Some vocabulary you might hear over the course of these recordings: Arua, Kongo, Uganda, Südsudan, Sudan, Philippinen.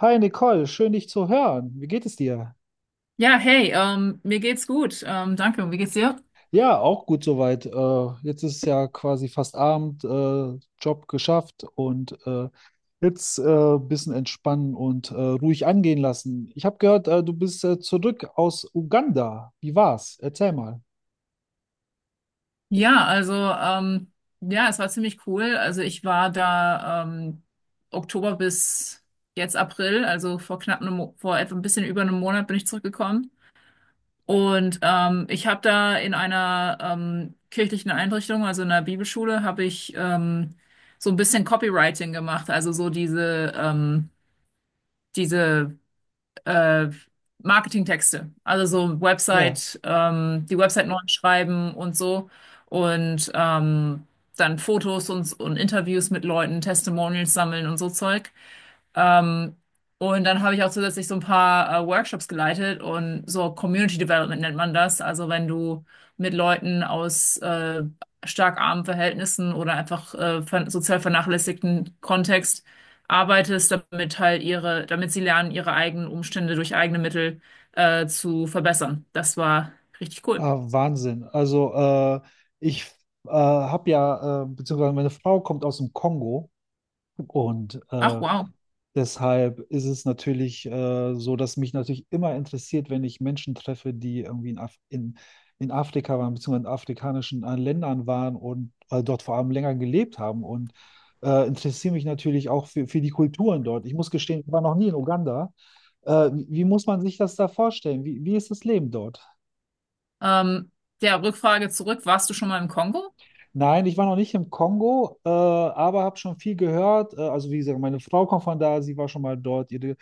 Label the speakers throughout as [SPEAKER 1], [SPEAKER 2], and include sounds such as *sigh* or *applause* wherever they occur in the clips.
[SPEAKER 1] Hi Nicole, schön dich zu hören. Wie geht es dir?
[SPEAKER 2] Ja, hey, mir geht's gut. Danke. Und wie geht's dir?
[SPEAKER 1] Ja, auch gut soweit. Jetzt ist ja quasi fast Abend, Job geschafft und jetzt ein bisschen entspannen und ruhig angehen lassen. Ich habe gehört, du bist zurück aus Uganda. Wie war's? Erzähl mal.
[SPEAKER 2] Ja, ja, es war ziemlich cool. Also ich war da Oktober bis jetzt April, also vor knapp einem, vor etwa ein bisschen über einem Monat bin ich zurückgekommen. Und ich habe da in einer kirchlichen Einrichtung, also in einer Bibelschule, habe ich so ein bisschen Copywriting gemacht, also so diese äh, Marketingtexte, also so
[SPEAKER 1] Ja,
[SPEAKER 2] Website, die Website neu schreiben und so, und dann Fotos und Interviews mit Leuten, Testimonials sammeln und so Zeug. Ähm, und dann habe ich auch zusätzlich so ein paar Workshops geleitet, und so Community Development nennt man das. Also wenn du mit Leuten aus stark armen Verhältnissen oder einfach ver sozial vernachlässigten Kontext arbeitest, damit halt ihre, damit sie lernen, ihre eigenen Umstände durch eigene Mittel zu verbessern. Das war richtig cool.
[SPEAKER 1] ah, Wahnsinn. Also ich habe ja, beziehungsweise meine Frau kommt aus dem Kongo und
[SPEAKER 2] Ach,
[SPEAKER 1] äh,
[SPEAKER 2] wow.
[SPEAKER 1] deshalb ist es natürlich so, dass mich natürlich immer interessiert, wenn ich Menschen treffe, die irgendwie in Afrika waren, beziehungsweise in afrikanischen Ländern waren und dort vor allem länger gelebt haben. Und interessiere mich natürlich auch für die Kulturen dort. Ich muss gestehen, ich war noch nie in Uganda. Wie muss man sich das da vorstellen? Wie ist das Leben dort?
[SPEAKER 2] Ähm, ja, Rückfrage zurück. Warst du schon mal im Kongo?
[SPEAKER 1] Nein, ich war noch nicht im Kongo, aber habe schon viel gehört. Also wie gesagt, meine Frau kommt von da, sie war schon mal dort, ihre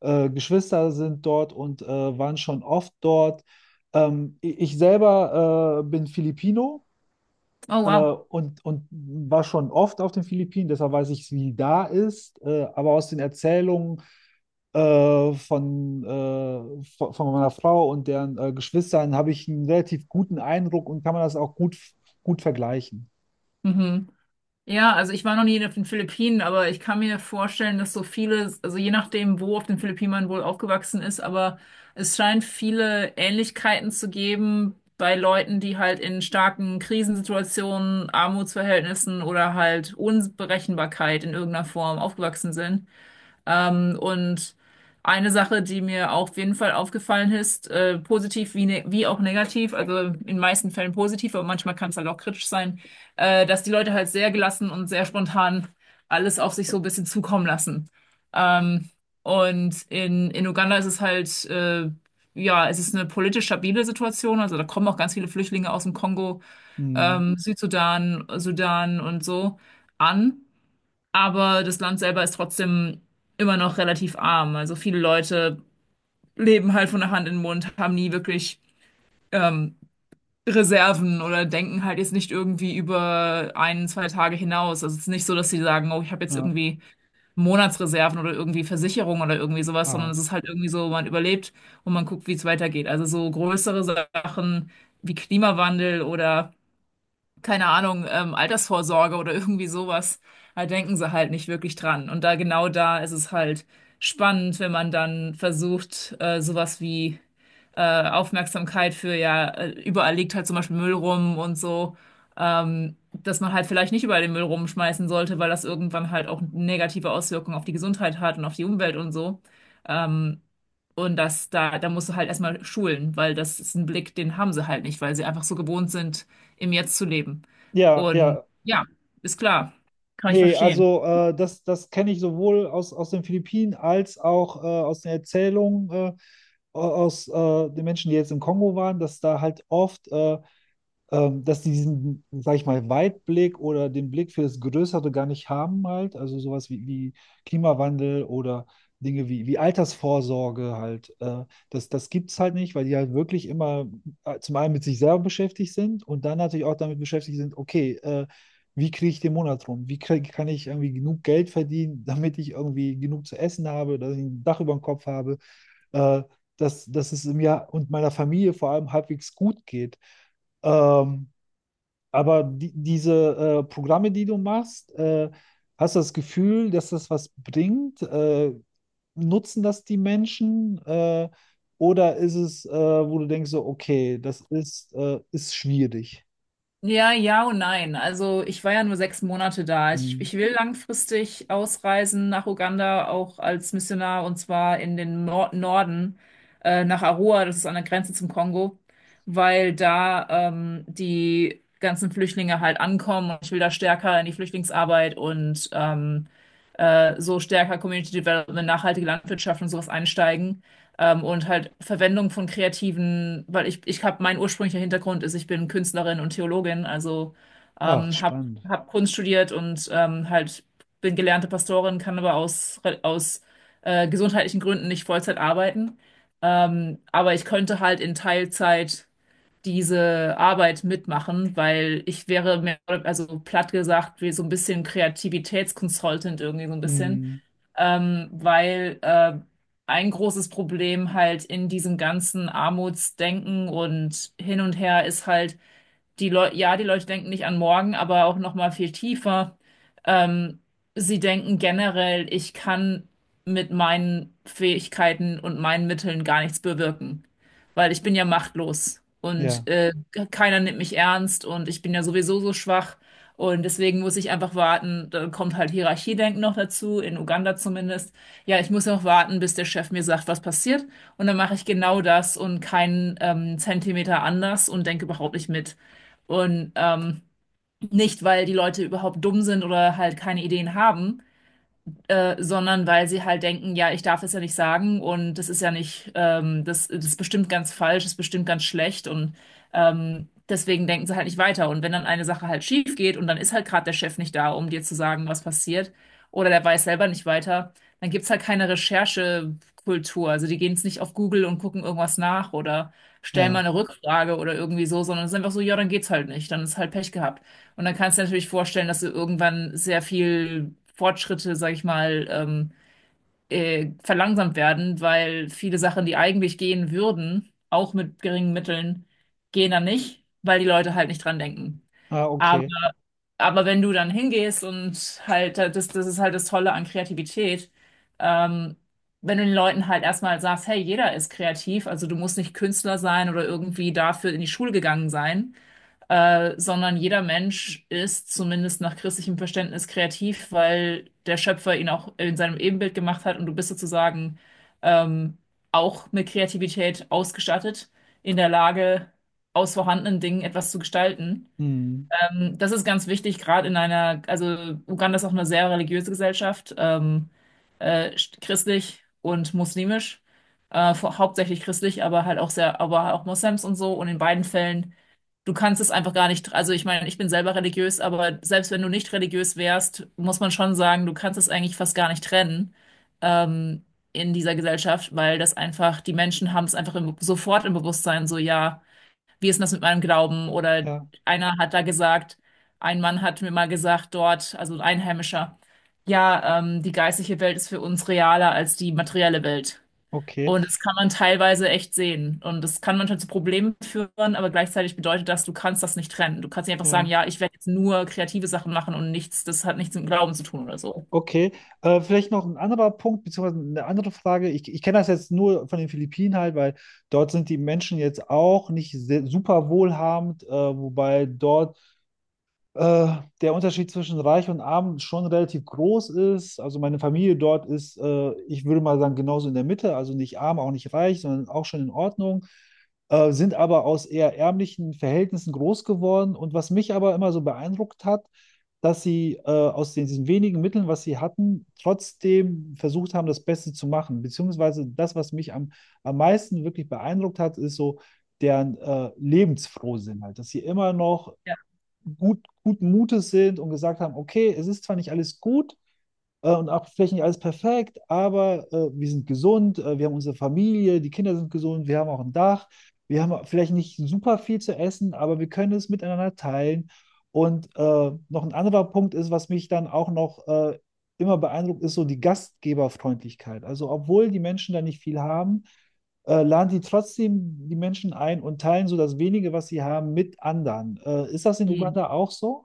[SPEAKER 1] Geschwister sind dort und waren schon oft dort. Ich selber bin Filipino
[SPEAKER 2] Oh, wow.
[SPEAKER 1] und war schon oft auf den Philippinen, deshalb weiß ich, wie da ist. Aber aus den Erzählungen von meiner Frau und deren Geschwistern habe ich einen relativ guten Eindruck und kann man das auch gut vergleichen.
[SPEAKER 2] Mhm. Ja, also ich war noch nie auf den Philippinen, aber ich kann mir vorstellen, dass so viele, also je nachdem, wo auf den Philippinen man wohl aufgewachsen ist, aber es scheint viele Ähnlichkeiten zu geben bei Leuten, die halt in starken Krisensituationen, Armutsverhältnissen oder halt Unberechenbarkeit in irgendeiner Form aufgewachsen sind. Und eine Sache, die mir auch auf jeden Fall aufgefallen ist, positiv wie, ne wie auch negativ, also in den meisten Fällen positiv, aber manchmal kann es halt auch kritisch sein, dass die Leute halt sehr gelassen und sehr spontan alles auf sich so ein bisschen zukommen lassen. Ähm, und in Uganda ist es halt, ja, es ist eine politisch stabile Situation, also da kommen auch ganz viele Flüchtlinge aus dem Kongo,
[SPEAKER 1] Hm,
[SPEAKER 2] Südsudan, Sudan und so an. Aber das Land selber ist trotzdem immer noch relativ arm. Also viele Leute leben halt von der Hand in den Mund, haben nie wirklich ähm, Reserven oder denken halt jetzt nicht irgendwie über ein, zwei Tage hinaus. Also es ist nicht so, dass sie sagen, oh, ich habe jetzt
[SPEAKER 1] ja,
[SPEAKER 2] irgendwie Monatsreserven oder irgendwie Versicherung oder irgendwie sowas, sondern
[SPEAKER 1] ah.
[SPEAKER 2] es ist halt irgendwie so, man überlebt und man guckt, wie es weitergeht. Also so größere Sachen wie Klimawandel oder keine Ahnung, Altersvorsorge oder irgendwie sowas. Da denken sie halt nicht wirklich dran. Und da genau da ist es halt spannend, wenn man dann versucht, sowas wie Aufmerksamkeit für, ja, überall liegt halt zum Beispiel Müll rum und so, dass man halt vielleicht nicht überall den Müll rumschmeißen sollte, weil das irgendwann halt auch negative Auswirkungen auf die Gesundheit hat und auf die Umwelt und so. Ähm, und da musst du halt erstmal schulen, weil das ist ein Blick, den haben sie halt nicht, weil sie einfach so gewohnt sind, im Jetzt zu leben.
[SPEAKER 1] Ja,
[SPEAKER 2] Und
[SPEAKER 1] ja.
[SPEAKER 2] ja, ist klar, kann ich
[SPEAKER 1] Nee,
[SPEAKER 2] verstehen.
[SPEAKER 1] also das kenne ich sowohl aus den Philippinen als auch aus den Erzählungen aus den Menschen, die jetzt im Kongo waren, dass da halt oft dass die diesen, sag ich mal, Weitblick oder den Blick für das Größere gar nicht haben halt. Also sowas wie Klimawandel oder Dinge wie Altersvorsorge halt. Das gibt es halt nicht, weil die halt wirklich immer zum einen mit sich selber beschäftigt sind und dann natürlich auch damit beschäftigt sind, okay, wie kriege ich den Monat rum? Kann ich irgendwie genug Geld verdienen, *laughs* damit ich irgendwie genug zu essen habe, dass ich ein Dach über dem Kopf habe, äh, dass es mir und meiner Familie vor allem halbwegs gut geht? Ähm, aber diese Programme, die du machst, hast du das Gefühl, dass das was bringt? Nutzen das die Menschen? Oder ist es, wo du denkst, so, okay, das ist, ist schwierig?
[SPEAKER 2] Ja, ja und nein. Also ich war ja nur sechs Monate da. Ich,
[SPEAKER 1] Hm.
[SPEAKER 2] ich will langfristig ausreisen nach Uganda, auch als Missionar, und zwar in den Nor Norden, nach Arua, das ist an der Grenze zum Kongo, weil da die ganzen Flüchtlinge halt ankommen, und ich will da stärker in die Flüchtlingsarbeit und so stärker Community Development, nachhaltige Landwirtschaft und sowas einsteigen. Und halt Verwendung von kreativen, weil ich habe, mein ursprünglicher Hintergrund ist, ich bin Künstlerin und Theologin, also
[SPEAKER 1] Ach,
[SPEAKER 2] ähm, habe
[SPEAKER 1] spannend.
[SPEAKER 2] hab Kunst studiert und halt bin gelernte Pastorin, kann aber aus gesundheitlichen Gründen nicht Vollzeit arbeiten. Aber ich könnte halt in Teilzeit diese Arbeit mitmachen, weil ich wäre mehr, also platt gesagt, wie so ein bisschen Kreativitätsconsultant irgendwie so ein bisschen
[SPEAKER 1] Hm.
[SPEAKER 2] weil ein großes Problem halt in diesem ganzen Armutsdenken und hin und her ist halt, die Leute, ja, die Leute denken nicht an morgen, aber auch noch mal viel tiefer. Ähm, Sie denken generell, ich kann mit meinen Fähigkeiten und meinen Mitteln gar nichts bewirken, weil ich bin ja machtlos,
[SPEAKER 1] Ja,
[SPEAKER 2] und keiner nimmt mich ernst und ich bin ja sowieso so schwach, und deswegen muss ich einfach warten. Dann kommt halt Hierarchiedenken noch dazu, in Uganda zumindest. Ja, ich muss noch warten, bis der Chef mir sagt, was passiert, und dann mache ich genau das und keinen Zentimeter anders und denke überhaupt nicht mit. Und nicht, weil die Leute überhaupt dumm sind oder halt keine Ideen haben, sondern weil sie halt denken, ja, ich darf es ja nicht sagen und das ist ja nicht, das ist bestimmt ganz falsch, das ist bestimmt ganz schlecht, und deswegen denken sie halt nicht weiter. Und wenn dann eine Sache halt schief geht und dann ist halt gerade der Chef nicht da, um dir zu sagen, was passiert, oder der weiß selber nicht weiter, dann gibt's halt keine Recherchekultur. Also die gehen jetzt nicht auf Google und gucken irgendwas nach oder stellen mal
[SPEAKER 1] ja.
[SPEAKER 2] eine Rückfrage oder irgendwie so, sondern es ist einfach so, ja, dann geht's halt nicht, dann ist halt Pech gehabt. Und dann kannst du dir natürlich vorstellen, dass du irgendwann sehr viel Fortschritte, sag ich mal, verlangsamt werden, weil viele Sachen, die eigentlich gehen würden, auch mit geringen Mitteln, gehen dann nicht, weil die Leute halt nicht dran denken.
[SPEAKER 1] Ah,
[SPEAKER 2] Aber,
[SPEAKER 1] okay.
[SPEAKER 2] aber wenn du dann hingehst und halt, das ist halt das Tolle an Kreativität, ähm, wenn du den Leuten halt erstmal sagst, hey, jeder ist kreativ, also du musst nicht Künstler sein oder irgendwie dafür in die Schule gegangen sein, sondern jeder Mensch ist zumindest nach christlichem Verständnis kreativ, weil der Schöpfer ihn auch in seinem Ebenbild gemacht hat, und du bist sozusagen ähm, auch mit Kreativität ausgestattet, in der Lage, aus vorhandenen Dingen etwas zu gestalten.
[SPEAKER 1] Hm.
[SPEAKER 2] Das ist ganz wichtig, gerade in einer, also Uganda ist auch eine sehr religiöse Gesellschaft, äh, christlich und muslimisch. Hauptsächlich christlich, aber halt auch sehr, aber auch Moslems und so. Und in beiden Fällen, du kannst es einfach gar nicht, also ich meine, ich bin selber religiös, aber selbst wenn du nicht religiös wärst, muss man schon sagen, du kannst es eigentlich fast gar nicht trennen, ähm, in dieser Gesellschaft, weil das einfach, die Menschen haben es einfach sofort im Bewusstsein, so, ja, wie ist denn das mit meinem Glauben? Oder
[SPEAKER 1] Ja,
[SPEAKER 2] einer hat da gesagt, ein Mann hat mir mal gesagt dort, also ein Einheimischer, ja, die geistliche Welt ist für uns realer als die materielle Welt.
[SPEAKER 1] okay.
[SPEAKER 2] Und das kann man teilweise echt sehen. Und das kann manchmal zu Problemen führen, aber gleichzeitig bedeutet das, du kannst das nicht trennen. Du kannst nicht einfach sagen,
[SPEAKER 1] Ja.
[SPEAKER 2] ja, ich werde jetzt nur kreative Sachen machen und nichts, das hat nichts mit Glauben zu tun oder so.
[SPEAKER 1] Okay, vielleicht noch ein anderer Punkt, beziehungsweise eine andere Frage. Ich kenne das jetzt nur von den Philippinen halt, weil dort sind die Menschen jetzt auch nicht super wohlhabend, wobei dort äh, der Unterschied zwischen reich und arm schon relativ groß ist. Also meine Familie dort ist, ich würde mal sagen, genauso in der Mitte, also nicht arm, auch nicht reich, sondern auch schon in Ordnung, sind aber aus eher ärmlichen Verhältnissen groß geworden. Und was mich aber immer so beeindruckt hat, dass sie aus diesen wenigen Mitteln, was sie hatten, trotzdem versucht haben, das Beste zu machen. Beziehungsweise das, was mich am meisten wirklich beeindruckt hat, ist so, deren Lebensfrohsinn halt, dass sie immer noch
[SPEAKER 2] Ja.
[SPEAKER 1] gut, guten Mutes sind und gesagt haben, okay, es ist zwar nicht alles gut, und auch vielleicht nicht alles perfekt, aber wir sind gesund, wir haben unsere Familie, die Kinder sind gesund, wir haben auch ein Dach, wir haben vielleicht nicht super viel zu essen, aber wir können es miteinander teilen. Und noch ein anderer Punkt ist, was mich dann auch noch immer beeindruckt, ist so die Gastgeberfreundlichkeit. Also obwohl die Menschen da nicht viel haben, laden die trotzdem die Menschen ein und teilen so das wenige, was sie haben, mit anderen. Ist das in
[SPEAKER 2] Hm.
[SPEAKER 1] Uganda auch so?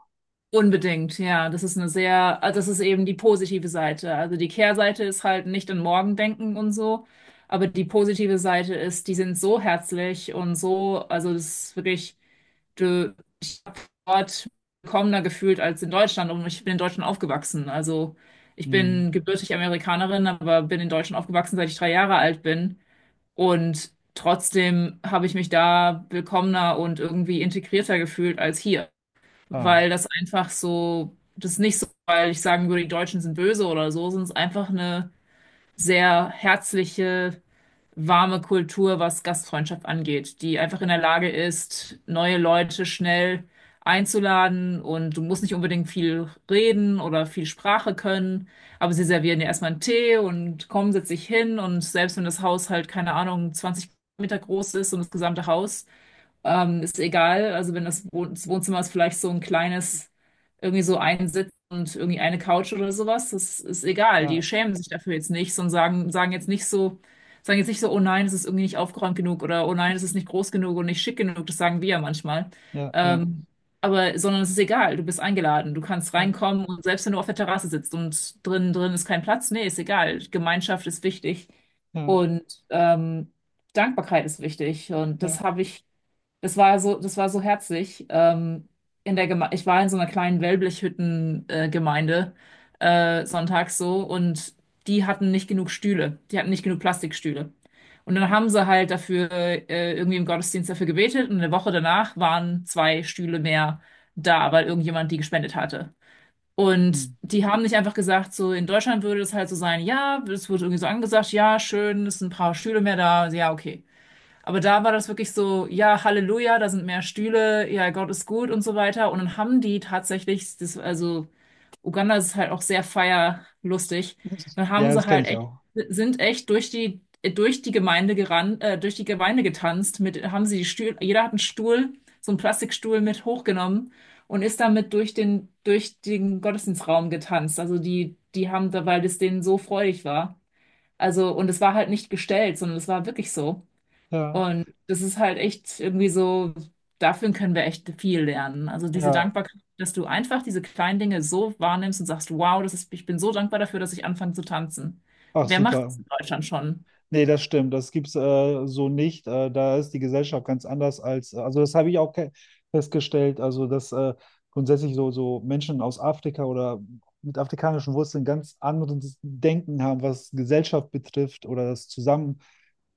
[SPEAKER 2] Unbedingt, ja. Das ist eine sehr, also das ist eben die positive Seite. Also die Kehrseite ist halt nicht an morgen denken und so. Aber die positive Seite ist, die sind so herzlich und so, also das ist wirklich. Du, dort willkommener gefühlt als in Deutschland, und ich bin in Deutschland aufgewachsen. Also ich
[SPEAKER 1] Hm.
[SPEAKER 2] bin gebürtig Amerikanerin, aber bin in Deutschland aufgewachsen, seit ich drei Jahre alt bin. Und trotzdem habe ich mich da willkommener und irgendwie integrierter gefühlt als hier,
[SPEAKER 1] Ah,
[SPEAKER 2] weil das einfach so, das ist nicht so, weil ich sagen würde, die Deutschen sind böse oder so, sondern es ist einfach eine sehr herzliche warme Kultur, was Gastfreundschaft angeht, die einfach in der Lage ist, neue Leute schnell einzuladen, und du musst nicht unbedingt viel reden oder viel Sprache können, aber sie servieren dir erstmal einen Tee und komm, setz dich hin, und selbst wenn das Haus halt, keine Ahnung, 20 Meter groß ist und das gesamte Haus, ist egal. Also wenn das, Wohn das Wohnzimmer ist vielleicht so ein kleines, irgendwie so ein Sitz und irgendwie eine Couch oder sowas, das ist egal. Die
[SPEAKER 1] ja,
[SPEAKER 2] schämen sich dafür jetzt nicht, sondern sagen jetzt nicht so, oh nein, es ist irgendwie nicht aufgeräumt genug oder oh nein, es ist nicht groß genug und nicht schick genug. Das sagen wir ja manchmal.
[SPEAKER 1] ja, ja,
[SPEAKER 2] Ähm, aber, sondern es ist egal. Du bist eingeladen. Du kannst
[SPEAKER 1] ja,
[SPEAKER 2] reinkommen, und selbst wenn du auf der Terrasse sitzt und drin ist kein Platz, nee, ist egal. Gemeinschaft ist wichtig
[SPEAKER 1] ja.
[SPEAKER 2] und Dankbarkeit ist wichtig, und das
[SPEAKER 1] Ja.
[SPEAKER 2] habe ich das war so herzlich. In der Geme Ich war in so einer kleinen Wellblechhütten-Gemeinde sonntags so, und die hatten nicht genug Stühle. Die hatten nicht genug Plastikstühle. Und dann haben sie halt dafür irgendwie im Gottesdienst dafür gebetet, und eine Woche danach waren zwei Stühle mehr da, weil irgendjemand die gespendet hatte. Und
[SPEAKER 1] Hm.
[SPEAKER 2] die haben nicht einfach gesagt, so in Deutschland würde es halt so sein, ja, es wurde irgendwie so angesagt, ja, schön, es sind ein paar Stühle mehr da, ja, okay. Aber da war das wirklich so, ja, Halleluja, da sind mehr Stühle, ja, Gott ist gut und so weiter. Und dann haben die tatsächlich, das, also Uganda ist halt auch sehr feierlustig, dann haben
[SPEAKER 1] Ja, das
[SPEAKER 2] sie
[SPEAKER 1] kenne
[SPEAKER 2] halt
[SPEAKER 1] ich
[SPEAKER 2] echt,
[SPEAKER 1] auch.
[SPEAKER 2] sind echt durch die Gemeinde gerannt, durch die Gemeinde getanzt, mit, haben sie die Stühle, jeder hat einen Stuhl, so einen Plastikstuhl mit hochgenommen und ist damit durch durch den Gottesdienstraum getanzt. Also die haben da, weil das denen so freudig war. Also, und es war halt nicht gestellt, sondern es war wirklich so.
[SPEAKER 1] Ja.
[SPEAKER 2] Und das ist halt echt irgendwie so, dafür können wir echt viel lernen. Also diese
[SPEAKER 1] Ja.
[SPEAKER 2] Dankbarkeit, dass du einfach diese kleinen Dinge so wahrnimmst und sagst, wow, das ist, ich bin so dankbar dafür, dass ich anfange zu tanzen.
[SPEAKER 1] Auch
[SPEAKER 2] Wer macht
[SPEAKER 1] super.
[SPEAKER 2] das in Deutschland schon?
[SPEAKER 1] Nee, das stimmt. Das gibt's so nicht. Da ist die Gesellschaft ganz anders als, also das habe ich auch festgestellt, also dass grundsätzlich so, so Menschen aus Afrika oder mit afrikanischen Wurzeln ganz anderes Denken haben, was Gesellschaft betrifft oder das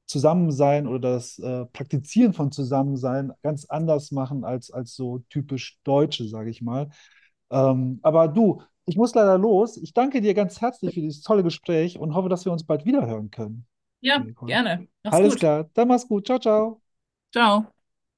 [SPEAKER 1] Zusammensein oder das Praktizieren von Zusammensein ganz anders machen als so typisch Deutsche, sage ich mal. Aber du, ich muss leider los. Ich danke dir ganz herzlich für dieses tolle Gespräch und hoffe, dass wir uns bald wieder hören können
[SPEAKER 2] Ja,
[SPEAKER 1] jeden Fall.
[SPEAKER 2] gerne. Mach's
[SPEAKER 1] Alles
[SPEAKER 2] gut.
[SPEAKER 1] klar, dann mach's gut. Ciao, ciao.
[SPEAKER 2] Ciao.